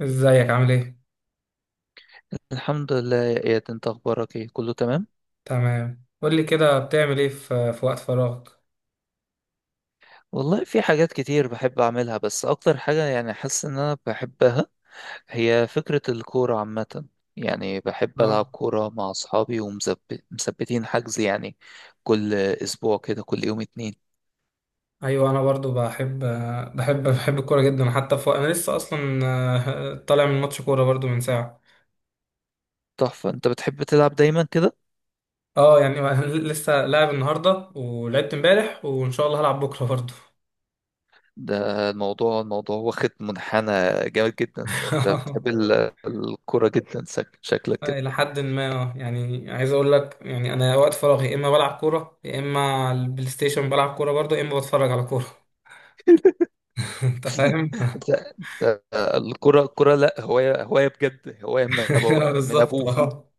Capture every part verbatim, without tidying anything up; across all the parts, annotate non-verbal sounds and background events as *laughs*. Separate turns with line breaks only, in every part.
ازيك؟ عامل ايه؟
الحمد لله يا اياد، انت اخبارك ايه؟ كله تمام؟
تمام. قول لي كده، بتعمل ايه في في وقت فراغك؟
والله في حاجات كتير بحب اعملها، بس اكتر حاجة يعني حاسس ان انا بحبها هي فكرة الكورة عامة. يعني بحب
اه،
العب كورة مع اصحابي ومثبتين حجز، يعني كل اسبوع كده كل يوم اتنين.
ايوه انا برضو بحب بحب بحب الكوره جدا، حتى في انا لسه اصلا *laughs* آه، طالع من ماتش كوره برضو من ساعه.
تحفة، انت بتحب تلعب دايما كده.
اه يعني *laughs* لسه لاعب النهارده، ولعبت امبارح وان شاء الله هلعب بكره برضو.
ده الموضوع الموضوع واخد منحنى جامد جدا، انت
*laughs*
بتحب ال- الكورة جدا، شك- شكلك كده.
الى حد ما، اه يعني، عايز اقول لك يعني انا وقت فراغي يا اما بلعب كوره، يا اما على البلاي ستيشن بلعب كوره برضو، يا اما بتفرج على كوره. *laughs* انت فاهم.
ده- ده الكرة الكرة لا هواية، هواية بجد، هواية من
*laughs*
أبو من
بالظبط
أبوه.
اه.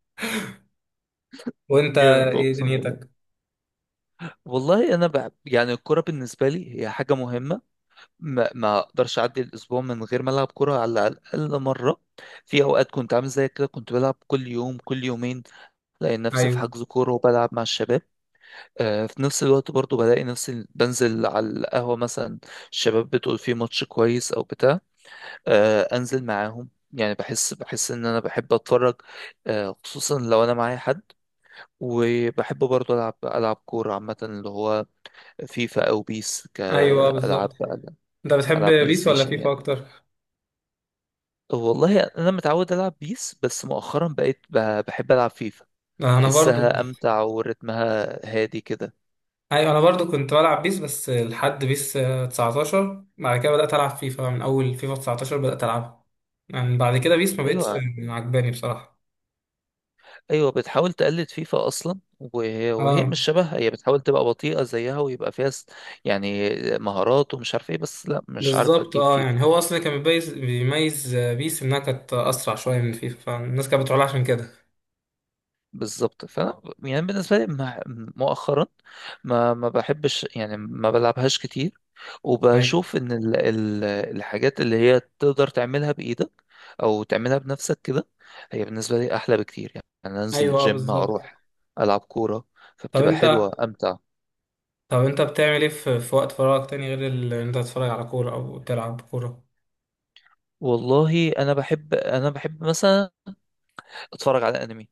وانت
جامد
ايه
أقسم بالله.
دنيتك؟
والله أنا بحب يعني الكرة بالنسبة لي هي حاجة مهمة، ما, ما أقدرش أعدي الأسبوع من غير ما ألعب كرة على الأقل مرة. في أوقات كنت عامل زي كده كنت بلعب كل يوم كل يومين، بلاقي نفسي في
ايوه.
حجز كورة وبلعب مع الشباب. آه، في نفس الوقت برضو بلاقي نفسي بنزل على القهوة مثلا، الشباب بتقول فيه ماتش كويس أو بتاع، آه، انزل معاهم. يعني بحس بحس ان انا بحب اتفرج، آه، خصوصا لو انا معايا حد. وبحب برضه العب العب كوره عامه، اللي هو فيفا او بيس،
ايوه
كالعاب،
بالظبط. انت بتحب
العاب بلاي
بيس ولا
ستيشن
فيفا
يعني.
اكتر؟
والله انا متعود العب بيس، بس مؤخرا بقيت ب- بحب العب فيفا،
انا برضو.
بحسها امتع ورتمها هادي كده.
ايوه انا برضو كنت بلعب بيس، بس لحد بيس آه، تسعة عشر، بعد كده بدأت العب فيفا، من اول فيفا تسعة عشر بدأت العبها. يعني بعد كده بيس ما بقتش
ايوه،
عجباني بصراحة.
ايوه، بتحاول تقلد فيفا اصلا، وهي, وهي
اه
مش شبهها. هي بتحاول تبقى بطيئه زيها ويبقى فيها س- يعني مهارات ومش عارف ايه، بس لا مش عارفه
بالظبط،
تجيب
اه
فيفا.
يعني هو اصلا كان بيميز بيميز آه، بيس انها كانت اسرع شوية من فيفا، فالناس كانت بتقول عشان كده.
بالظبط، فانا يعني بالنسبه لي مع- مؤخرا ما ما بحبش، يعني ما بلعبهاش كتير.
ايوه.
وبشوف ان ال ال الحاجات اللي هي تقدر تعملها بايدك او تعملها بنفسك كده هي بالنسبه لي احلى بكتير. يعني انا انزل
ايوه اه
الجيم
بالظبط.
اروح العب كوره
طب
فبتبقى
انت
حلوه امتع.
طب انت بتعمل ايه في, في وقت فراغك تاني غير ال- ان انت تتفرج على كورة او تلعب كورة؟
والله انا بحب، انا بحب مثلا اتفرج على انمي،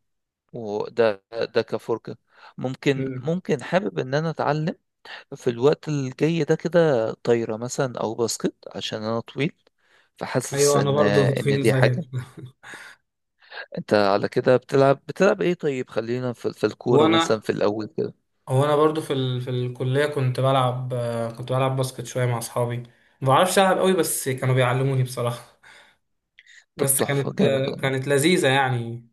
وده ده كفرجة. ممكن ممكن حابب ان انا اتعلم في الوقت الجاي ده كده طايرة مثلا او باسكت عشان انا طويل، فحاسس
ايوه انا
ان
برضو
ان
طويل
دي
زيك.
حاجة. انت على كده بتلعب بتلعب ايه؟ طيب خلينا في, في الكورة
وانا
مثلا في الاول كده.
وانا برضو في ال... في الكليه كنت بلعب، آه، كنت بلعب باسكت شويه مع اصحابي، ما بعرفش العب قوي بس كانوا بيعلموني بصراحه. *laughs*
طب
بس
تحفة،
كانت،
جامد
آه،
والله.
كانت لذيذه يعني.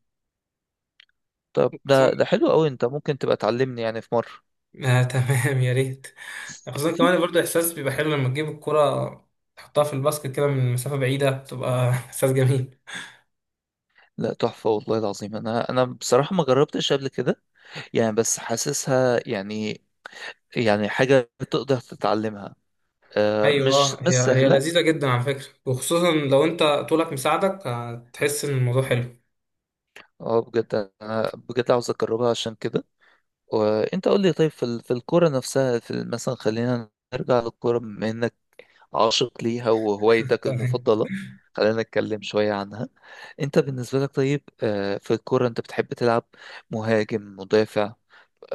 طب
خصوصا
ده ده حلو قوي، انت ممكن تبقى تعلمني يعني في مرة.
آه *laughs* تمام، يا ريت. خصوصا كمان
*laughs*
برضو احساس بيبقى حلو لما تجيب الكره تحطها في الباسكت كده من مسافه بعيده، تبقى *laughs* احساس جميل.
لا تحفة والله العظيم، انا انا بصراحة ما جربتش قبل كده، يعني بس حاسسها يعني، يعني حاجة تقدر تتعلمها، آه، مش
ايوه،
مش
هي هي
سهلة.
لذيذه جدا على فكره، وخصوصا لو انت طولك مساعدك هتحس ان الموضوع حلو.
اه بجد، أنا بجد عاوز أجربها عشان كده. وأنت قول لي، طيب في ال- في الكورة نفسها، في ال- مثلا خلينا نرجع للكورة بما إنك عاشق ليها وهوايتك
*laughs*
المفضلة، خلينا نتكلم شوية عنها. أنت بالنسبة لك طيب، آه، في الكورة أنت بتحب تلعب مهاجم، مدافع؟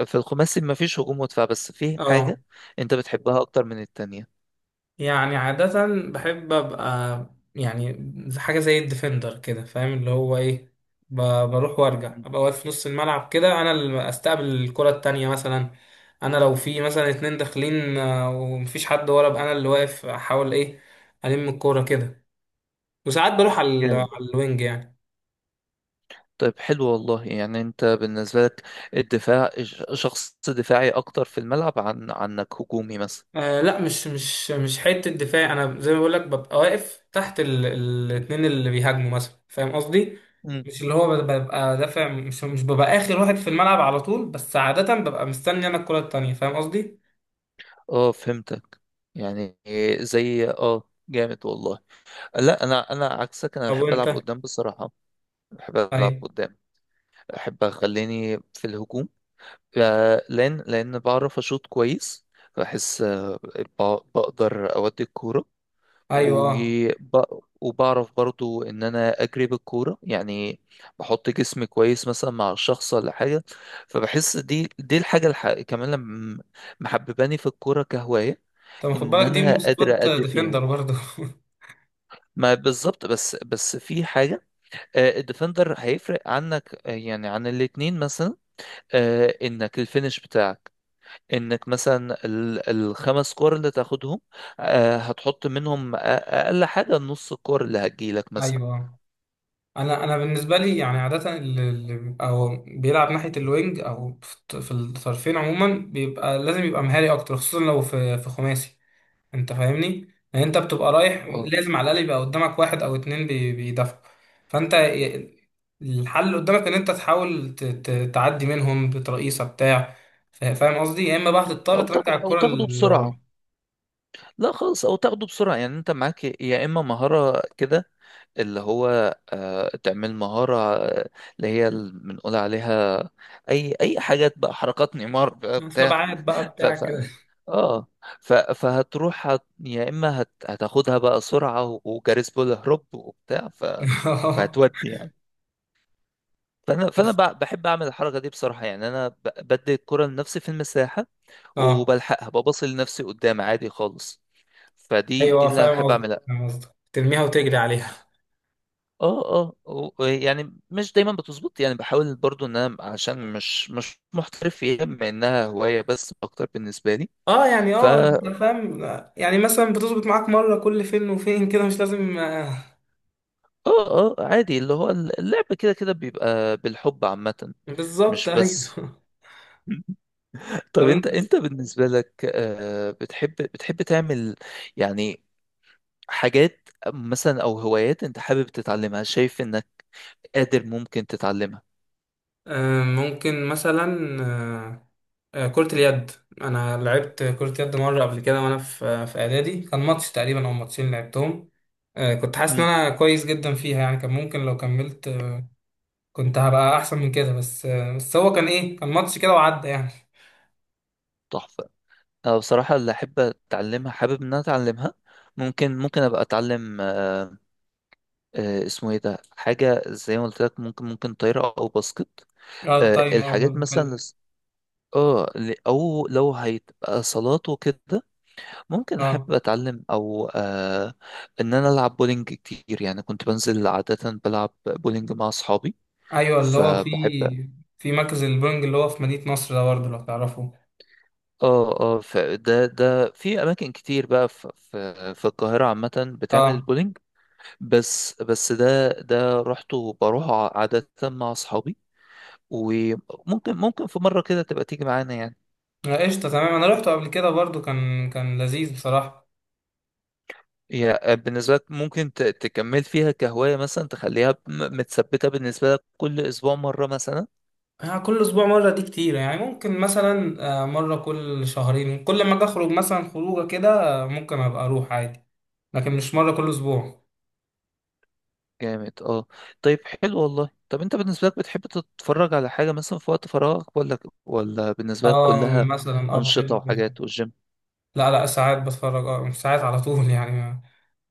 في الخماسي مفيش هجوم ودفاع، بس في
اه
حاجة أنت بتحبها أكتر من التانية.
يعني عادة بحب أبقى يعني زي- حاجة زي الديفندر كده، فاهم اللي هو إيه. ب- بروح وأرجع أبقى واقف في نص الملعب كده، أنا اللي أستقبل الكرة التانية مثلا. أنا لو في مثلا اتنين داخلين آه، ومفيش حد ورا، أبقى أنا اللي واقف أحاول إيه ألم الكورة كده. وساعات بروح على ال-
مم.
على الوينج يعني.
طيب حلو والله. يعني انت بالنسبة لك الدفاع، ش- شخص دفاعي اكتر في الملعب، عن عنك هجومي مثلا؟
آه لا، مش مش مش حته دفاع، انا زي ما بقول لك ببقى واقف تحت ال- ال- الاتنين اللي بيهاجموا مثلا، فاهم قصدي؟
مم.
مش اللي هو ببقى دافع، مش مش ببقى اخر واحد في الملعب على طول، بس عاده ببقى مستني انا الكره التانيه، فاهم قصدي؟
اه فهمتك، يعني زي، اه جامد والله. لا انا، انا عكسك، انا
طب
بحب
وانت؟
العب قدام بصراحة. بحب العب
ايوه.
قدام، بحب اخليني في الهجوم، آه، لان لان بعرف اشوط كويس، بحس آه، ب- بقدر اودي الكورة،
ايوه
وب...
اه.
وبعرف برضو ان انا اجري بالكوره يعني، بحط جسمي كويس مثلا مع الشخص ولا حاجه. فبحس دي دي الحاجه الح... كمان لما محبباني في الكوره كهوايه
طب خد
ان
بالك دي
انا
مواصفات
قادر ادي فيها.
ديفندر برضه.
ما بالظبط، بس بس في حاجه، آه، الديفندر هيفرق عنك، آه، يعني عن الاتنين مثلا، آه، انك الفينش بتاعك، انك مثلا ال- الخمس كور اللي تاخدهم، آه، هتحط منهم أ- اقل حاجه نص الكور اللي هتجيلك
*laughs*
مثلا.
ايوه آه. انا انا بالنسبه لي يعني عاده اللي اللي بيبقى هو بيلعب ناحيه الوينج او في الط- في الطرفين عموما، بيبقى لازم يبقى مهاري اكتر، خصوصا لو في في خماسي. انت فاهمني؟ يعني انت بتبقى رايح، مم.
أو
لازم على الاقل يبقى قدامك واحد او اتنين بي- بيدافعوا. فانت ي- الحل اللي قدامك ان انت تحاول ت- ت- تعدي منهم بترقيصه بتاع. فا- فاهم قصدي؟ يا اما بقى هتضطر
أو
ترجع
تاخ- أو
الكره
تاخده
اللي وراك
بسرعة. لا خالص، أو تاخده بسرعة. يعني أنت معاك يا إما مهارة كده، اللي هو آه، تعمل مهارة، آه، اللي هي ال- بنقول عليها أي أي حاجات بقى، حركات نيمار بقى بتاع.
سبعات بقى
ف
بتاع
ف
كده.
اه ف فهتروح، هت... يا إما هت... هتاخدها بقى سرعة، و- وجاريس بول هروب وبتاع، ف
*laughs*
فهتودي يعني. فأنا فأنا
بس-
ب- بحب أعمل الحركة دي بصراحة، يعني أنا ب- بدي الكرة لنفسي في المساحة
اه
وبلحقها ببص لنفسي قدام عادي خالص. فدي دي
ايوه
اللي
فاهم
بحب
قصدي،
اعملها.
فاهم قصدي، ترميها وتجري عليها.
اه، اه، و- يعني مش دايما بتظبط. يعني بحاول برضو ان انا، عشان مش مش محترف فيها بما انها هواية بس اكتر بالنسبة لي.
اه يعني
ف
اه انت
اه
فاهم. يعني مثلا بتظبط معاك مره كل فين وفين كده، مش لازم آه،
اه عادي، اللي هو اللعب كده كده بيبقى بالحب عامة،
بالظبط،
مش
ايوه.
بس.
*laughs*
*laughs* طب
طب
انت،
انت،
انت بالنسبة لك آه، بتحب، بتحب تعمل يعني حاجات مثلا او هوايات انت حابب تتعلمها شايف انك قادر ممكن تتعلمها؟
آه، ممكن مثلا آه، آه، كرة اليد. أنا لعبت كرة يد مرة قبل كده وأنا في في إعدادي، كان ماتش تقريبا أو ماتشين لعبتهم. آه، كنت حاسس إن أنا كويس جدا فيها، يعني كان ممكن لو كملت آه، كنت هبقى أحسن من كده، بس آه، بس هو كان إيه، كان ماتش كده وعدى يعني.
تحفة. أنا بصراحة اللي أحب أتعلمها، حابب إن أنا أتعلمها، ممكن ممكن أبقى أتعلم، آه، آه، اسمه إيه ده، حاجة زي ما قلت لك، ممكن ممكن طايرة أو باسكت،
اه
آه،
الطايرة اه
الحاجات
برضه
مثلا،
حلو.
لس- اه، ل- أو لو هيبقى صالات وكده ممكن أحب
اه
أتعلم، أو آه، إن أنا ألعب بولينج كتير. يعني كنت بنزل عادة بلعب بولينج مع أصحابي
أيوه، اللي هو في
فبحب.
في مركز البونج اللي هو في مدينة نصر ده برضه لو تعرفه.
اه، اه، فده ده في أماكن كتير بقى في في في القاهرة عامة بتعمل
اه
بولينج. بس بس ده ده رحته بروح عادة مع أصحابي، وممكن ممكن في مرة كده تبقى تيجي معانا يعني.
آه، قشطة، تمام. أنا روحته قبل كده برضه، كان كان لذيذ بصراحة.
هي بالنسبة لك ممكن ت- تكمل فيها كهواية مثلا، تخليها م- متثبتة بالنسبة لك كل أسبوع مرة مثلا؟
آه، كل اسبوع مره دي كتير يعني، ممكن مثلا آه، مره كل شهرين كل ما اجي اخرج مثلا خروجه كده، آه، ممكن ابقى اروح عادي، لكن مش مره كل اسبوع.
جامد اه. طيب حلو والله. طب أنت بالنسبة لك بتحب تتفرج على حاجة مثلا في وقت فراغك، ولا ولا بالنسبة لك
اه
كلها
مثلا اه
أنشطة
بحب.
وحاجات والجيم؟
لا، لا ساعات بتفرج، اه مش ساعات على طول *laughs* يعني.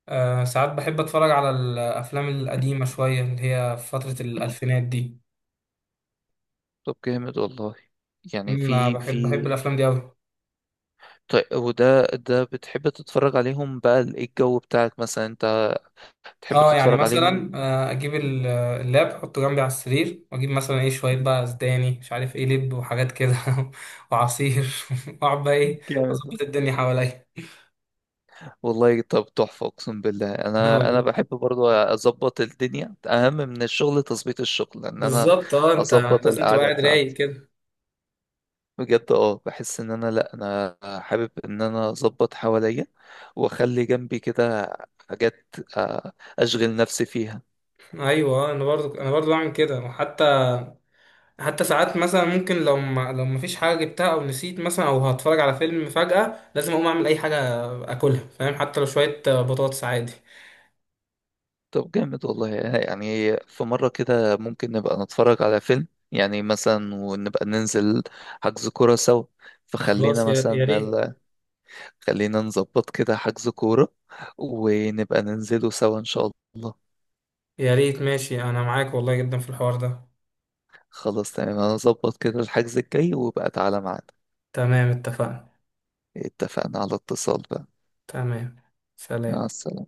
آه ساعات بحب اتفرج على الافلام القديمه شويه اللي هي في فتره الالفينات دي.
طب جامد والله. يعني
أمم، آه،
في
بحب بحب
في
الافلام دي قوي.
طيب وده ده بتحب تتفرج عليهم بقى، ال- ايه الجو بتاعك مثلا انت تحب
اه يعني
تتفرج
مثلا
عليهم؟
آه، اجيب ال- اللاب احطه جنبي على السرير، واجيب مثلا ايه شويه بقى زبادي مش عارف ايه، لب وحاجات كده *laughs* وعصير، *laughs* واقعد بقى ايه اظبط
جامد
الدنيا حواليا.
والله. طب تحفة اقسم بالله، انا، انا
اه
بحب برضو اظبط الدنيا اهم من الشغل، تظبيط الشغل ان انا
بالظبط، اه انت
اظبط
لازم تبقى
القعدة
قاعد رايق
بتاعتي.
كده.
بجد اه، بحس ان انا لا، انا حابب ان انا اظبط حواليا واخلي جنبي كده حاجات، آه، اشغل نفسي فيها.
ايوه آه، انا برضو انا برضو بعمل كده، وحتى حتى ساعات مثلا ممكن لو ما لو ما فيش حاجه جبتها، او نسيت مثلا، او هتفرج على فيلم فجاه لازم اقوم اعمل اي حاجه اكلها، فاهم؟ حتى لو شويه آه، بطاطس عادي.
طب جامد والله. يعني في مرة كده ممكن نبقى نتفرج على فيلم يعني مثلا ونبقى ننزل حجز كورة سوا، فخلينا
خلاص يا يا
مثلا
ريت.
ال- خلينا نظبط كده حجز كورة ونبقى ننزله سوا إن شاء الله.
يا ريت، ماشي، انا معاك والله جدا في الحوار ده.
خلاص تمام، أنا أظبط كده الحجز الجاي وبقى تعالى معانا.
تمام اتفقنا.
اتفقنا على اتصال بقى.
تمام،
مع
سلام.
السلامة.